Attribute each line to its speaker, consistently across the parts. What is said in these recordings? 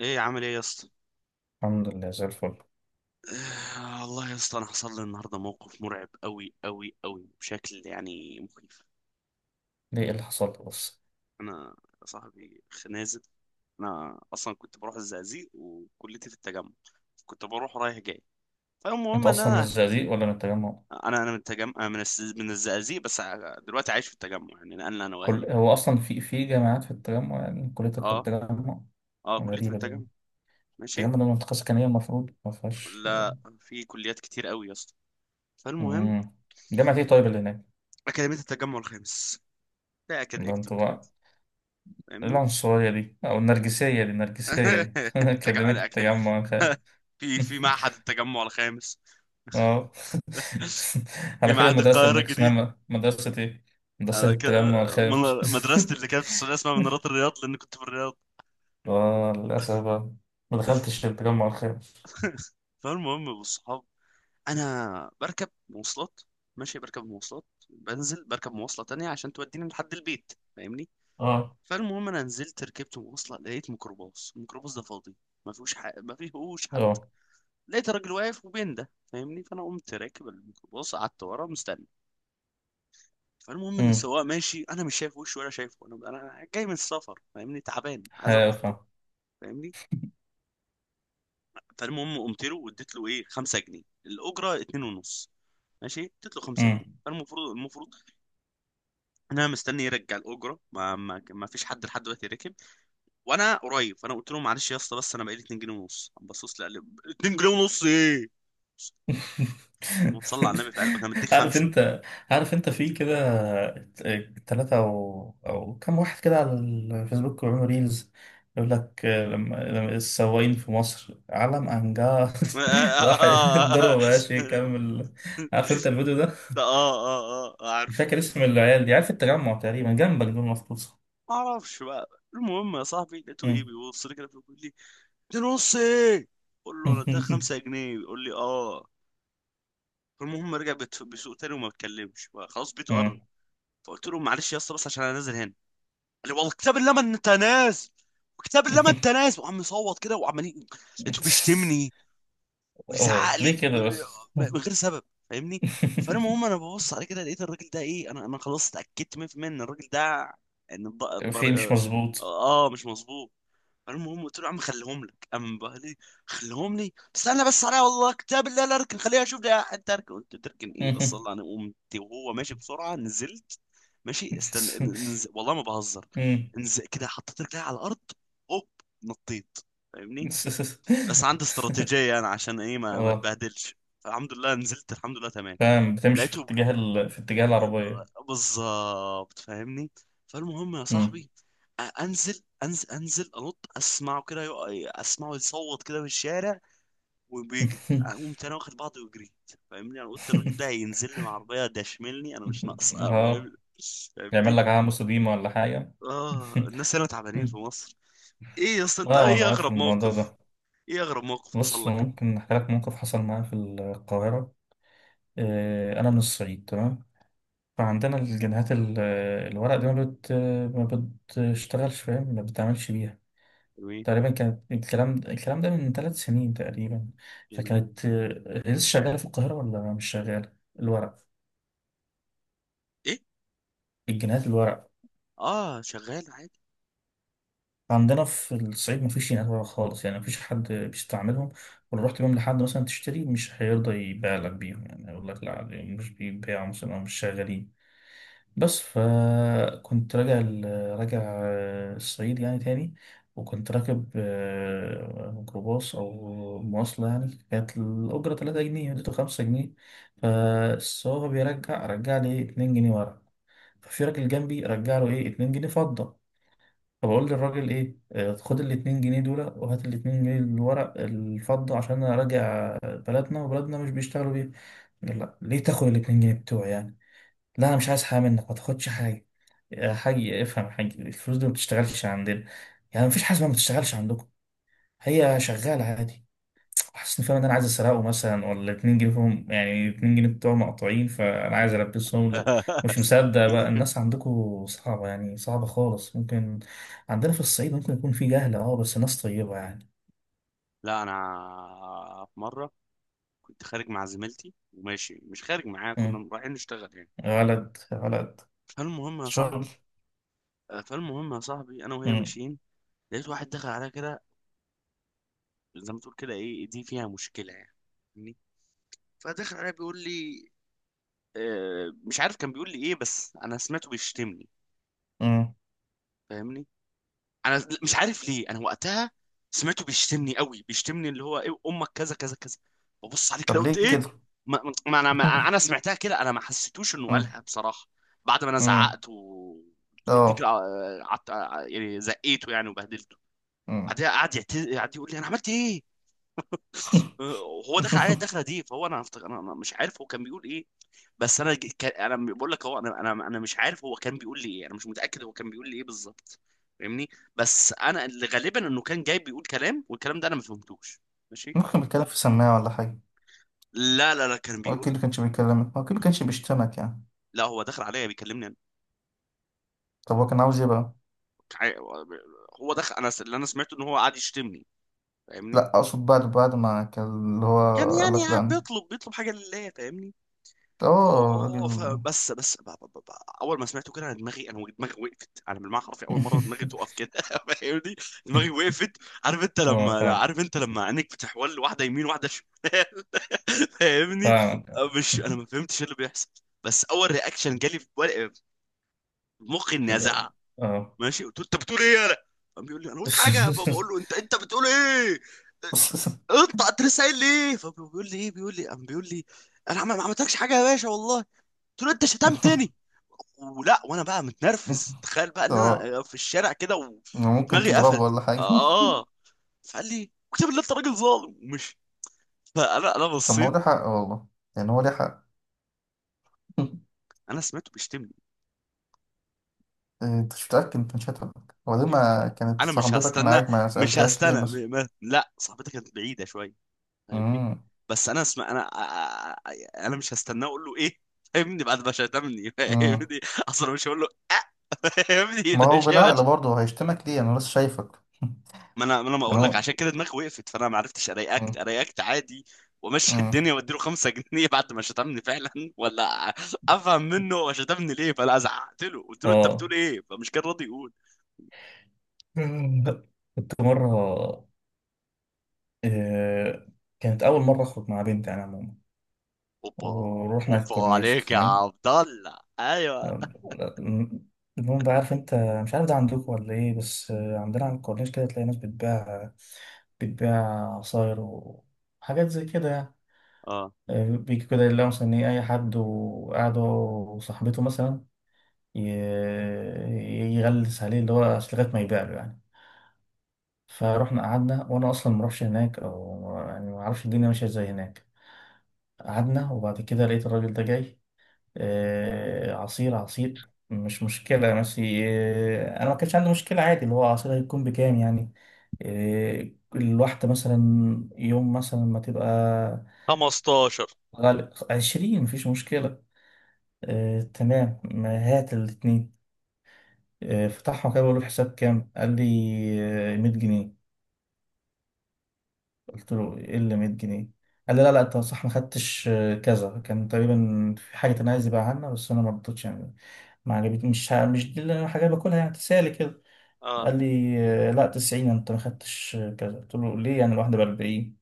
Speaker 1: ايه عامل ايه يا اسطى؟
Speaker 2: الحمد لله زي الفل.
Speaker 1: آه، والله يا اسطى انا حصل لي النهارده موقف مرعب قوي قوي قوي بشكل يعني مخيف.
Speaker 2: ليه إيه اللي حصل لك بس؟
Speaker 1: انا يا صاحبي خنازل. انا اصلا كنت بروح الزقازيق وكليتي في التجمع. كنت بروح رايح جاي.
Speaker 2: انت
Speaker 1: فالمهم ان
Speaker 2: اصلا من
Speaker 1: انا
Speaker 2: الزقازيق ولا من التجمع؟
Speaker 1: انا من التجمع من الزقازيق بس دلوقتي عايش في التجمع يعني نقلنا انا واهلي
Speaker 2: كل
Speaker 1: وكده.
Speaker 2: هو اصلا في جامعات في التجمع؟ يعني كليتك في
Speaker 1: اه،
Speaker 2: التجمع؟
Speaker 1: اه كليتي في
Speaker 2: غريبة دي.
Speaker 1: التجمع.
Speaker 2: التجمع
Speaker 1: ماشي.
Speaker 2: ده منطقة سكنية المفروض ما فيهاش.
Speaker 1: لا في كليات كتير قوي يا اسطى. فالمهم.
Speaker 2: امم، جامعة ايه طيب اللي هناك؟
Speaker 1: اكاديميه التجمع الخامس. لا كده
Speaker 2: ده
Speaker 1: اكتب
Speaker 2: انتوا
Speaker 1: كده.
Speaker 2: بقى إيه
Speaker 1: فاهمني.
Speaker 2: العنصرية دي او النرجسية دي كلمة
Speaker 1: تجمع.
Speaker 2: التجمع خ-
Speaker 1: في معهد التجمع الخامس.
Speaker 2: اه
Speaker 1: في
Speaker 2: على كده
Speaker 1: معهد
Speaker 2: المدرسة اللي
Speaker 1: القاهرة
Speaker 2: هناك
Speaker 1: الجديدة.
Speaker 2: اسمها مدرسة ايه؟ مدرسة
Speaker 1: أنا ك...
Speaker 2: التجمع الخامس.
Speaker 1: مدرستي اللي كانت في السعودية اسمها منارات الرياض لأن كنت في الرياض.
Speaker 2: آه، للأسف بقى، ما دخلتش التجمع الخامس.
Speaker 1: فالمهم بالصحاب. أنا بركب مواصلات. ماشي بركب مواصلات بنزل بركب مواصلة تانية عشان توديني لحد البيت فاهمني.
Speaker 2: اه،
Speaker 1: فالمهم أنا نزلت ركبت مواصلة لقيت ميكروباص الميكروباص ده فاضي. ما فيهوش حد.
Speaker 2: اه،
Speaker 1: لقيت راجل واقف وبين ده فاهمني فأنا قمت راكب الميكروباص قعدت ورا مستني. فالمهم ان
Speaker 2: امم،
Speaker 1: السواق ماشي انا مش شايف وشه ولا شايفه انا جاي من السفر فاهمني تعبان عايز اروح البيت
Speaker 2: هافا،
Speaker 1: فاهمني. فالمهم قمت له واديت له ايه 5 جنيه الاجره 2 ونص. ماشي اديت له 5 جنيه
Speaker 2: امم.
Speaker 1: فالمفروض ان انا مستني يرجع الاجره، ما فيش حد لحد دلوقتي ركب. وانا قريب فانا قلت له معلش يا اسطى بس انا بقالي 2 جنيه ونص. قام بصص لي قال لي: 2 جنيه ونص ايه؟ وتصلى على النبي في قلبك انا مديك
Speaker 2: عارف
Speaker 1: خمسه.
Speaker 2: انت؟ عارف انت في كده ثلاثة او كم واحد كده على الفيسبوك بيعملوا ريلز، يقول لك لما السواقين في مصر علم
Speaker 1: اه،
Speaker 2: انجاز
Speaker 1: اه،
Speaker 2: واحد.
Speaker 1: اه،
Speaker 2: الضربة
Speaker 1: آه،
Speaker 2: ما بقاش
Speaker 1: آه،
Speaker 2: يكمل. عارف انت الفيديو ده؟
Speaker 1: آه، آه، آه، آه، آه، آه، آه، آه، آه، آه، آه، آه.
Speaker 2: مش فاكر اسم العيال دي، عارف التجمع تقريبا جنبك دول مفروض صح؟
Speaker 1: ما اعرفش بقى. المهم يا صاحبي لقيته ايه
Speaker 2: مم.
Speaker 1: بيبص لي كده بيقول لي: ده نص ايه؟ بقول له ده 5 جنيه بيقول لي اه. فالمهم رجع بيسوق تاني وما اتكلمش بقى، خلاص بيته قرب. فقلت له معلش يا اسطى بس عشان انا نازل هنا. قال لي والله كتاب الله ما انت نازل. كتاب الله ما
Speaker 2: مم.
Speaker 1: انت نازل. وعم يصوت كده لقيته بيشتمني ويزعق
Speaker 2: أوه،
Speaker 1: لي
Speaker 2: ليه كده
Speaker 1: ويقول لي
Speaker 2: بس؟
Speaker 1: من غير سبب. فاهمني. فالمهم انا ببص عليه كده لقيت الراجل ده ايه. انا خلاص اتاكدت 100% ان الراجل ده، ان الض...
Speaker 2: في مش
Speaker 1: الضر...
Speaker 2: مظبوط.
Speaker 1: اه، آه، مش مظبوط. المهم قلت له يا عم خليهم لك. قام بقى لي: خليهم لي استنى بس عليا والله كتاب الله لا اركن خليها اشوف ده. انت اركن! قلت له تركن ايه بس الله. انا قمت وهو ماشي بسرعه نزلت. ماشي استم... والله ما بهزر، كده حطيت رجلي على الارض هوب نطيت. فاهمني. بس عندي استراتيجيه انا عشان ايه ما
Speaker 2: اه
Speaker 1: اتبهدلش. فالحمد لله نزلت الحمد لله تمام.
Speaker 2: فاهم، بتمشي في
Speaker 1: لقيته.
Speaker 2: اتجاه في اتجاه العربية.
Speaker 1: بالظبط فاهمني. فالمهم يا
Speaker 2: مم.
Speaker 1: صاحبي انزل انزل انزل، اسمعه كده، اسمعه يصوت كده في الشارع وبيجري. اقوم تاني واخد بعضي وجريت. فاهمني. انا قلت الراجل ده هينزل لي من عربيه ده يشملني انا، مش ناقصه
Speaker 2: اه.
Speaker 1: فاهم.
Speaker 2: يعمل
Speaker 1: فاهمني.
Speaker 2: لك عاموس قديمة ولا حاجة.
Speaker 1: اه الناس هنا تعبانين في مصر. ايه يا اسطى انت،
Speaker 2: اه وانا
Speaker 1: ايه
Speaker 2: عارف
Speaker 1: اغرب
Speaker 2: الموضوع
Speaker 1: موقف؟
Speaker 2: ده.
Speaker 1: ايه اغرب موقف حصل
Speaker 2: بص
Speaker 1: لك؟
Speaker 2: ممكن احكي لك موقف حصل معايا في القاهرة. انا من الصعيد تمام، فعندنا الجنيهات الورق دي ما بتشتغلش، فاهم؟ ما بتتعملش بيها.
Speaker 1: جميل.
Speaker 2: تقريبا كانت الكلام ده من 3 سنين تقريبا،
Speaker 1: جميل.
Speaker 2: فكانت لسه شغالة في القاهرة ولا مش شغالة، الورق،
Speaker 1: ايه؟
Speaker 2: الجنيهات الورق.
Speaker 1: اه شغال عادي.
Speaker 2: عندنا في الصعيد مفيش جنيهات ورق خالص، يعني مفيش حد بيستعملهم، ولو رحت بيهم لحد مثلا تشتري مش هيرضى يبيع لك بيهم، يعني يقول لك لا دي مش بيتباعوا مثلا أو مش شغالين بس. فكنت راجع الصعيد يعني تاني، وكنت راكب ميكروباص أو مواصلة، يعني كانت الأجرة 3 جنيه، اديته 5 جنيه، فالسواق رجع لي إيه 2 جنيه ورا. ففي راجل جنبي رجع له إيه 2 جنيه فضة. فبقول للراجل إيه خد ال 2 جنيه دول وهات ال 2 جنيه اللي ورا الفضة، عشان أنا راجع بلدنا وبلدنا مش بيشتغلوا بيها. قال لا، ليه تاخد ال 2 جنيه بتوعي يعني؟ لا أنا مش عايز حاجة منك، ما تاخدش حاجة. يا حاج افهم يا حاج، الفلوس دي ما بتشتغلش عندنا. يعني مفيش حاجه اسمها ما بتشتغلش عندكم، هي شغاله عادي. حاسس ان، فاهم ان انا عايز اسرقه مثلا ولا 2 جنيه فيهم، يعني 2 جنيه بتوع مقطوعين فانا عايز البسهم له. مش مصدق بقى. الناس عندكم صعبه، يعني صعبه خالص. ممكن عندنا في الصعيد ممكن يكون في جهل اه، بس ناس طيبه يعني.
Speaker 1: لا انا في مره كنت خارج مع زميلتي، وماشي مش خارج معاها،
Speaker 2: امم.
Speaker 1: كنا رايحين نشتغل يعني.
Speaker 2: غلط غلط.
Speaker 1: فالمهم يا
Speaker 2: شغل.
Speaker 1: صاحبي. آه، فالمهم يا صاحبي انا وهي
Speaker 2: امم.
Speaker 1: ماشيين. لقيت واحد دخل عليا كده زي ما تقول كده ايه دي فيها مشكله يعني. فاهمني؟ فدخل عليا بيقول لي. آه، مش عارف كان بيقول لي ايه، بس انا سمعته بيشتمني.
Speaker 2: امم.
Speaker 1: فاهمني. انا مش عارف ليه انا وقتها سمعته بيشتمني قوي، بيشتمني اللي هو ايه امك كذا كذا كذا. ببص عليه كده
Speaker 2: طب ليه
Speaker 1: قلت ايه.
Speaker 2: كده؟
Speaker 1: ما انا ما انا سمعتها كده. انا ما حسيتوش انه
Speaker 2: امم.
Speaker 1: قالها بصراحه. بعد ما انا
Speaker 2: امم.
Speaker 1: زعقت وقلت له،
Speaker 2: اه.
Speaker 1: قعدت يعني زقيته يعني وبهدلته.
Speaker 2: امم.
Speaker 1: بعدها قعد يقول لي انا عملت ايه. أه. هو دخل عليا الدخله دي فهو، انا هفتكر انا مش عارف هو كان بيقول ايه. بس انا كان انا بقول لك هو، انا مش عارف هو كان بيقول لي ايه. انا مش متاكد هو كان بيقول لي ايه بالظبط. فاهمني. بس انا اللي غالبا انه كان جاي بيقول كلام والكلام ده انا ما فهمتوش. ماشي.
Speaker 2: ممكن بتكلم في سماعه ولا حاجه؟
Speaker 1: لا لا لا كان
Speaker 2: هو أكيد
Speaker 1: بيقول.
Speaker 2: كانش بيكلمك، هو أكيد كانش بيشتمك يعني.
Speaker 1: لا هو دخل عليا بيكلمني انا.
Speaker 2: طب هو كان عاوز إيه بقى؟
Speaker 1: ع- هو دخل انا اللي انا سمعته ان هو قاعد يشتمني. فاهمني.
Speaker 2: لأ أقصد بعد ما كان اللي هو
Speaker 1: كان يعني
Speaker 2: قالك لأ
Speaker 1: قاعد
Speaker 2: أنا.
Speaker 1: بيطلب حاجه لله. فاهمني.
Speaker 2: آه راجل.
Speaker 1: اوف. بس اول ما سمعته كده، انا دماغي وقفت. انا بالمعنى حرفي اول مره دماغي تقف كده فاهمني. دماغي وقفت. عارف انت
Speaker 2: اه
Speaker 1: لما لا
Speaker 2: فاهم.
Speaker 1: عارف انت لما عينك بتحول واحده يمين واحده شمال. فاهمني.
Speaker 2: فاهمك.
Speaker 1: مش انا، ما فهمتش إيه اللي بيحصل. بس اول رياكشن جالي في في مخي اني
Speaker 2: شوف.
Speaker 1: ازعق.
Speaker 2: اه.
Speaker 1: ماشي، قلت له انت بتقول ايه؟ يالا. قام بيقول لي انا قلت حاجه. فبقول له: انت بتقول ايه؟ انت لسه قايل لي ايه؟ فبيقول لي ايه، بيقول لي قام بيقول لي: انا ما عملتلكش حاجه يا باشا والله. قلت له انت شتمتني تاني؟ ولا. وانا بقى متنرفز تخيل بقى ان
Speaker 2: آه.
Speaker 1: انا في الشارع كده
Speaker 2: ممكن
Speaker 1: ودماغي
Speaker 2: تضربه
Speaker 1: قفلت،
Speaker 2: ولا حاجة.
Speaker 1: اه. فقال لي اكتب بالله انت راجل ظالم ومشي. فانا
Speaker 2: طب ما هو
Speaker 1: بصيت.
Speaker 2: ليه حق والله، يعني هو ليه حق.
Speaker 1: انا سمعته بيشتمني.
Speaker 2: انت مش متأكد، انت مش هتفهم. هو ليه
Speaker 1: ايوه.
Speaker 2: ما كانت
Speaker 1: انا مش
Speaker 2: صاحبتك
Speaker 1: هستنى.
Speaker 2: معاك، ما
Speaker 1: مش
Speaker 2: سألتهاش ليه
Speaker 1: هستنى
Speaker 2: مثلا؟
Speaker 1: م... ما... لا صاحبتك كانت بعيده شويه. فاهمني. بس انا اسمع، انا مش هستناه اقول له ايه. فاهمني، بعد ما شتمني
Speaker 2: مم.
Speaker 1: فاهمني. اصلا مش هقول له. آه. فاهمني،
Speaker 2: ما
Speaker 1: لا
Speaker 2: هو
Speaker 1: شيء.
Speaker 2: بالعقل برضه هيشتمك ليه، انا لسه شايفك.
Speaker 1: ما انا
Speaker 2: انا
Speaker 1: بقول لك
Speaker 2: هو-
Speaker 1: عشان كده دماغي وقفت. فانا ما عرفتش ارياكت،
Speaker 2: مم.
Speaker 1: عادي وامشي.
Speaker 2: مم.
Speaker 1: الدنيا واديله 5 جنيه بعد ما شتمني فعلا ولا افهم منه هو شتمني ليه. فانا زعقت له قلت له انت
Speaker 2: اه.
Speaker 1: بتقول ايه، فمش كان راضي يقول.
Speaker 2: لا، كنت مرة، آه، كانت أول مرة أخرج مع بنت أنا عموما،
Speaker 1: اوبا.
Speaker 2: ورحنا
Speaker 1: اوبا
Speaker 2: الكورنيش
Speaker 1: عليك يا
Speaker 2: تمام.
Speaker 1: عبد الله. ايوه.
Speaker 2: آم، المهم بقى، عارف أنت، مش عارف ده عندكم ولا إيه، بس عندنا على الكورنيش كده تلاقي ناس بتبيع عصاير وحاجات زي كده يعني.
Speaker 1: اه.
Speaker 2: بيجي كده يلاقوا مثلا إيه أي حد وقاعد هو وصاحبته مثلا، يغلس عليه، اللي هو أصل لغاية ما يبيع له يعني. فروحنا قعدنا، وأنا أصلا ما اعرفش هناك، أو يعني ما اعرفش الدنيا ماشية ازاي هناك. قعدنا وبعد كده لقيت الراجل ده جاي، عصير عصير. مش مشكلة بس أنا ما كانش عندي مشكلة، عادي اللي هو عصير هيكون بكام يعني. آه، الواحدة مثلا يوم مثلا ما تبقى
Speaker 1: 15.
Speaker 2: غالب 20 مفيش مشكلة. تمام ما هات الاتنين. فتحهم كده بقول له الحساب كام، قال لي 100 جنيه. قلت له ايه اللي 100 جنيه؟ قال لي لا لا انت صح ما خدتش كذا. كان تقريبا في حاجه انا عايز يبيعها لنا بس انا ما رضيتش يعني، ما عجبتني، مش دي اللي انا حاجه باكلها يعني، تسالي كده.
Speaker 1: اه
Speaker 2: قال لي لا 90 انت ما خدتش كذا. قلت له ليه يعني الواحده ب 40؟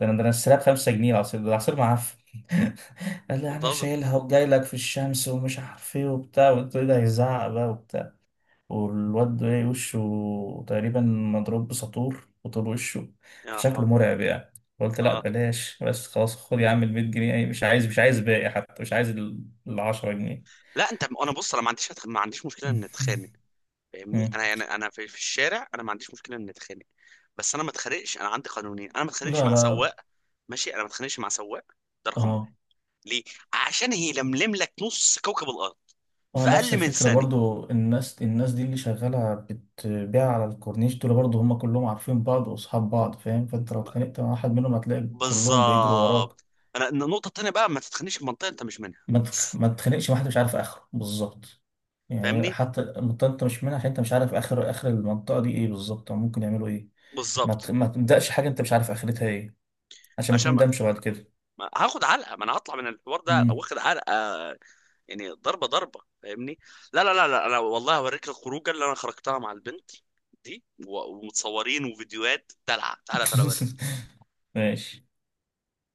Speaker 2: ده انا السلاب 5 جنيه. العصير ده العصير معفن. قال لي
Speaker 1: انت
Speaker 2: انا
Speaker 1: بتهزر.
Speaker 2: شايلها وجاي لك في الشمس ومش عارف ايه وبتاع، وقلت له إيه ده هيزعق بقى. والواد ده إيه، وشه تقريبا مضروب بساطور وطول وشه،
Speaker 1: يا
Speaker 2: فشكله
Speaker 1: حول.
Speaker 2: مرعب يعني. قلت لا
Speaker 1: اه
Speaker 2: بلاش بس، خلاص خد يا عم ال 100 جنيه، مش عايز باقي، حتى مش عايز ال 10 جنيه.
Speaker 1: لا انت، انا بص، انا ما عنديش مشكله ان اتخانق. فاهمني،
Speaker 2: مم.
Speaker 1: انا في الشارع انا ما عنديش مشكله ان اتخانق. بس انا ما اتخانقش، انا عندي قانونين. انا ما اتخانقش
Speaker 2: لا
Speaker 1: مع
Speaker 2: لا
Speaker 1: سواق. ماشي، انا ما اتخانقش مع سواق. ده رقم واحد.
Speaker 2: اه.
Speaker 1: ليه؟ عشان هي لملم لك نص كوكب الارض
Speaker 2: اه،
Speaker 1: في
Speaker 2: نفس
Speaker 1: اقل من
Speaker 2: الفكرة
Speaker 1: ثانيه.
Speaker 2: برضو، الناس دي اللي شغالة بتبيع على الكورنيش دول برضو، هم كلهم عارفين بعض واصحاب بعض فاهم، فانت لو
Speaker 1: ب-
Speaker 2: اتخانقت مع واحد منهم هتلاقي كلهم بيجروا وراك.
Speaker 1: بالظبط. انا النقطه التانيه بقى، ما تتخانقش في منطقه انت مش منها بس.
Speaker 2: ما تخلقش واحد مش عارف اخره بالظبط، يعني
Speaker 1: فاهمني.
Speaker 2: حتى المنطقة انت مش منها، عشان انت مش عارف اخر المنطقة دي ايه بالظبط او ممكن يعملوا ايه.
Speaker 1: بالظبط.
Speaker 2: ما تبدأش حاجة انت مش عارف اخرتها ايه، عشان ما
Speaker 1: عشان
Speaker 2: تندمش بعد كده.
Speaker 1: ما هاخد علقه. ما انا هطلع من الحوار ده أو
Speaker 2: مم.
Speaker 1: واخد علقه. يعني ضربه ضربه. فاهمني. لا لا لا لا، انا والله هوريك الخروجه اللي انا خرجتها مع البنت دي ومتصورين وفيديوهات دلع. تعالى تعالى اوريك.
Speaker 2: ماشي.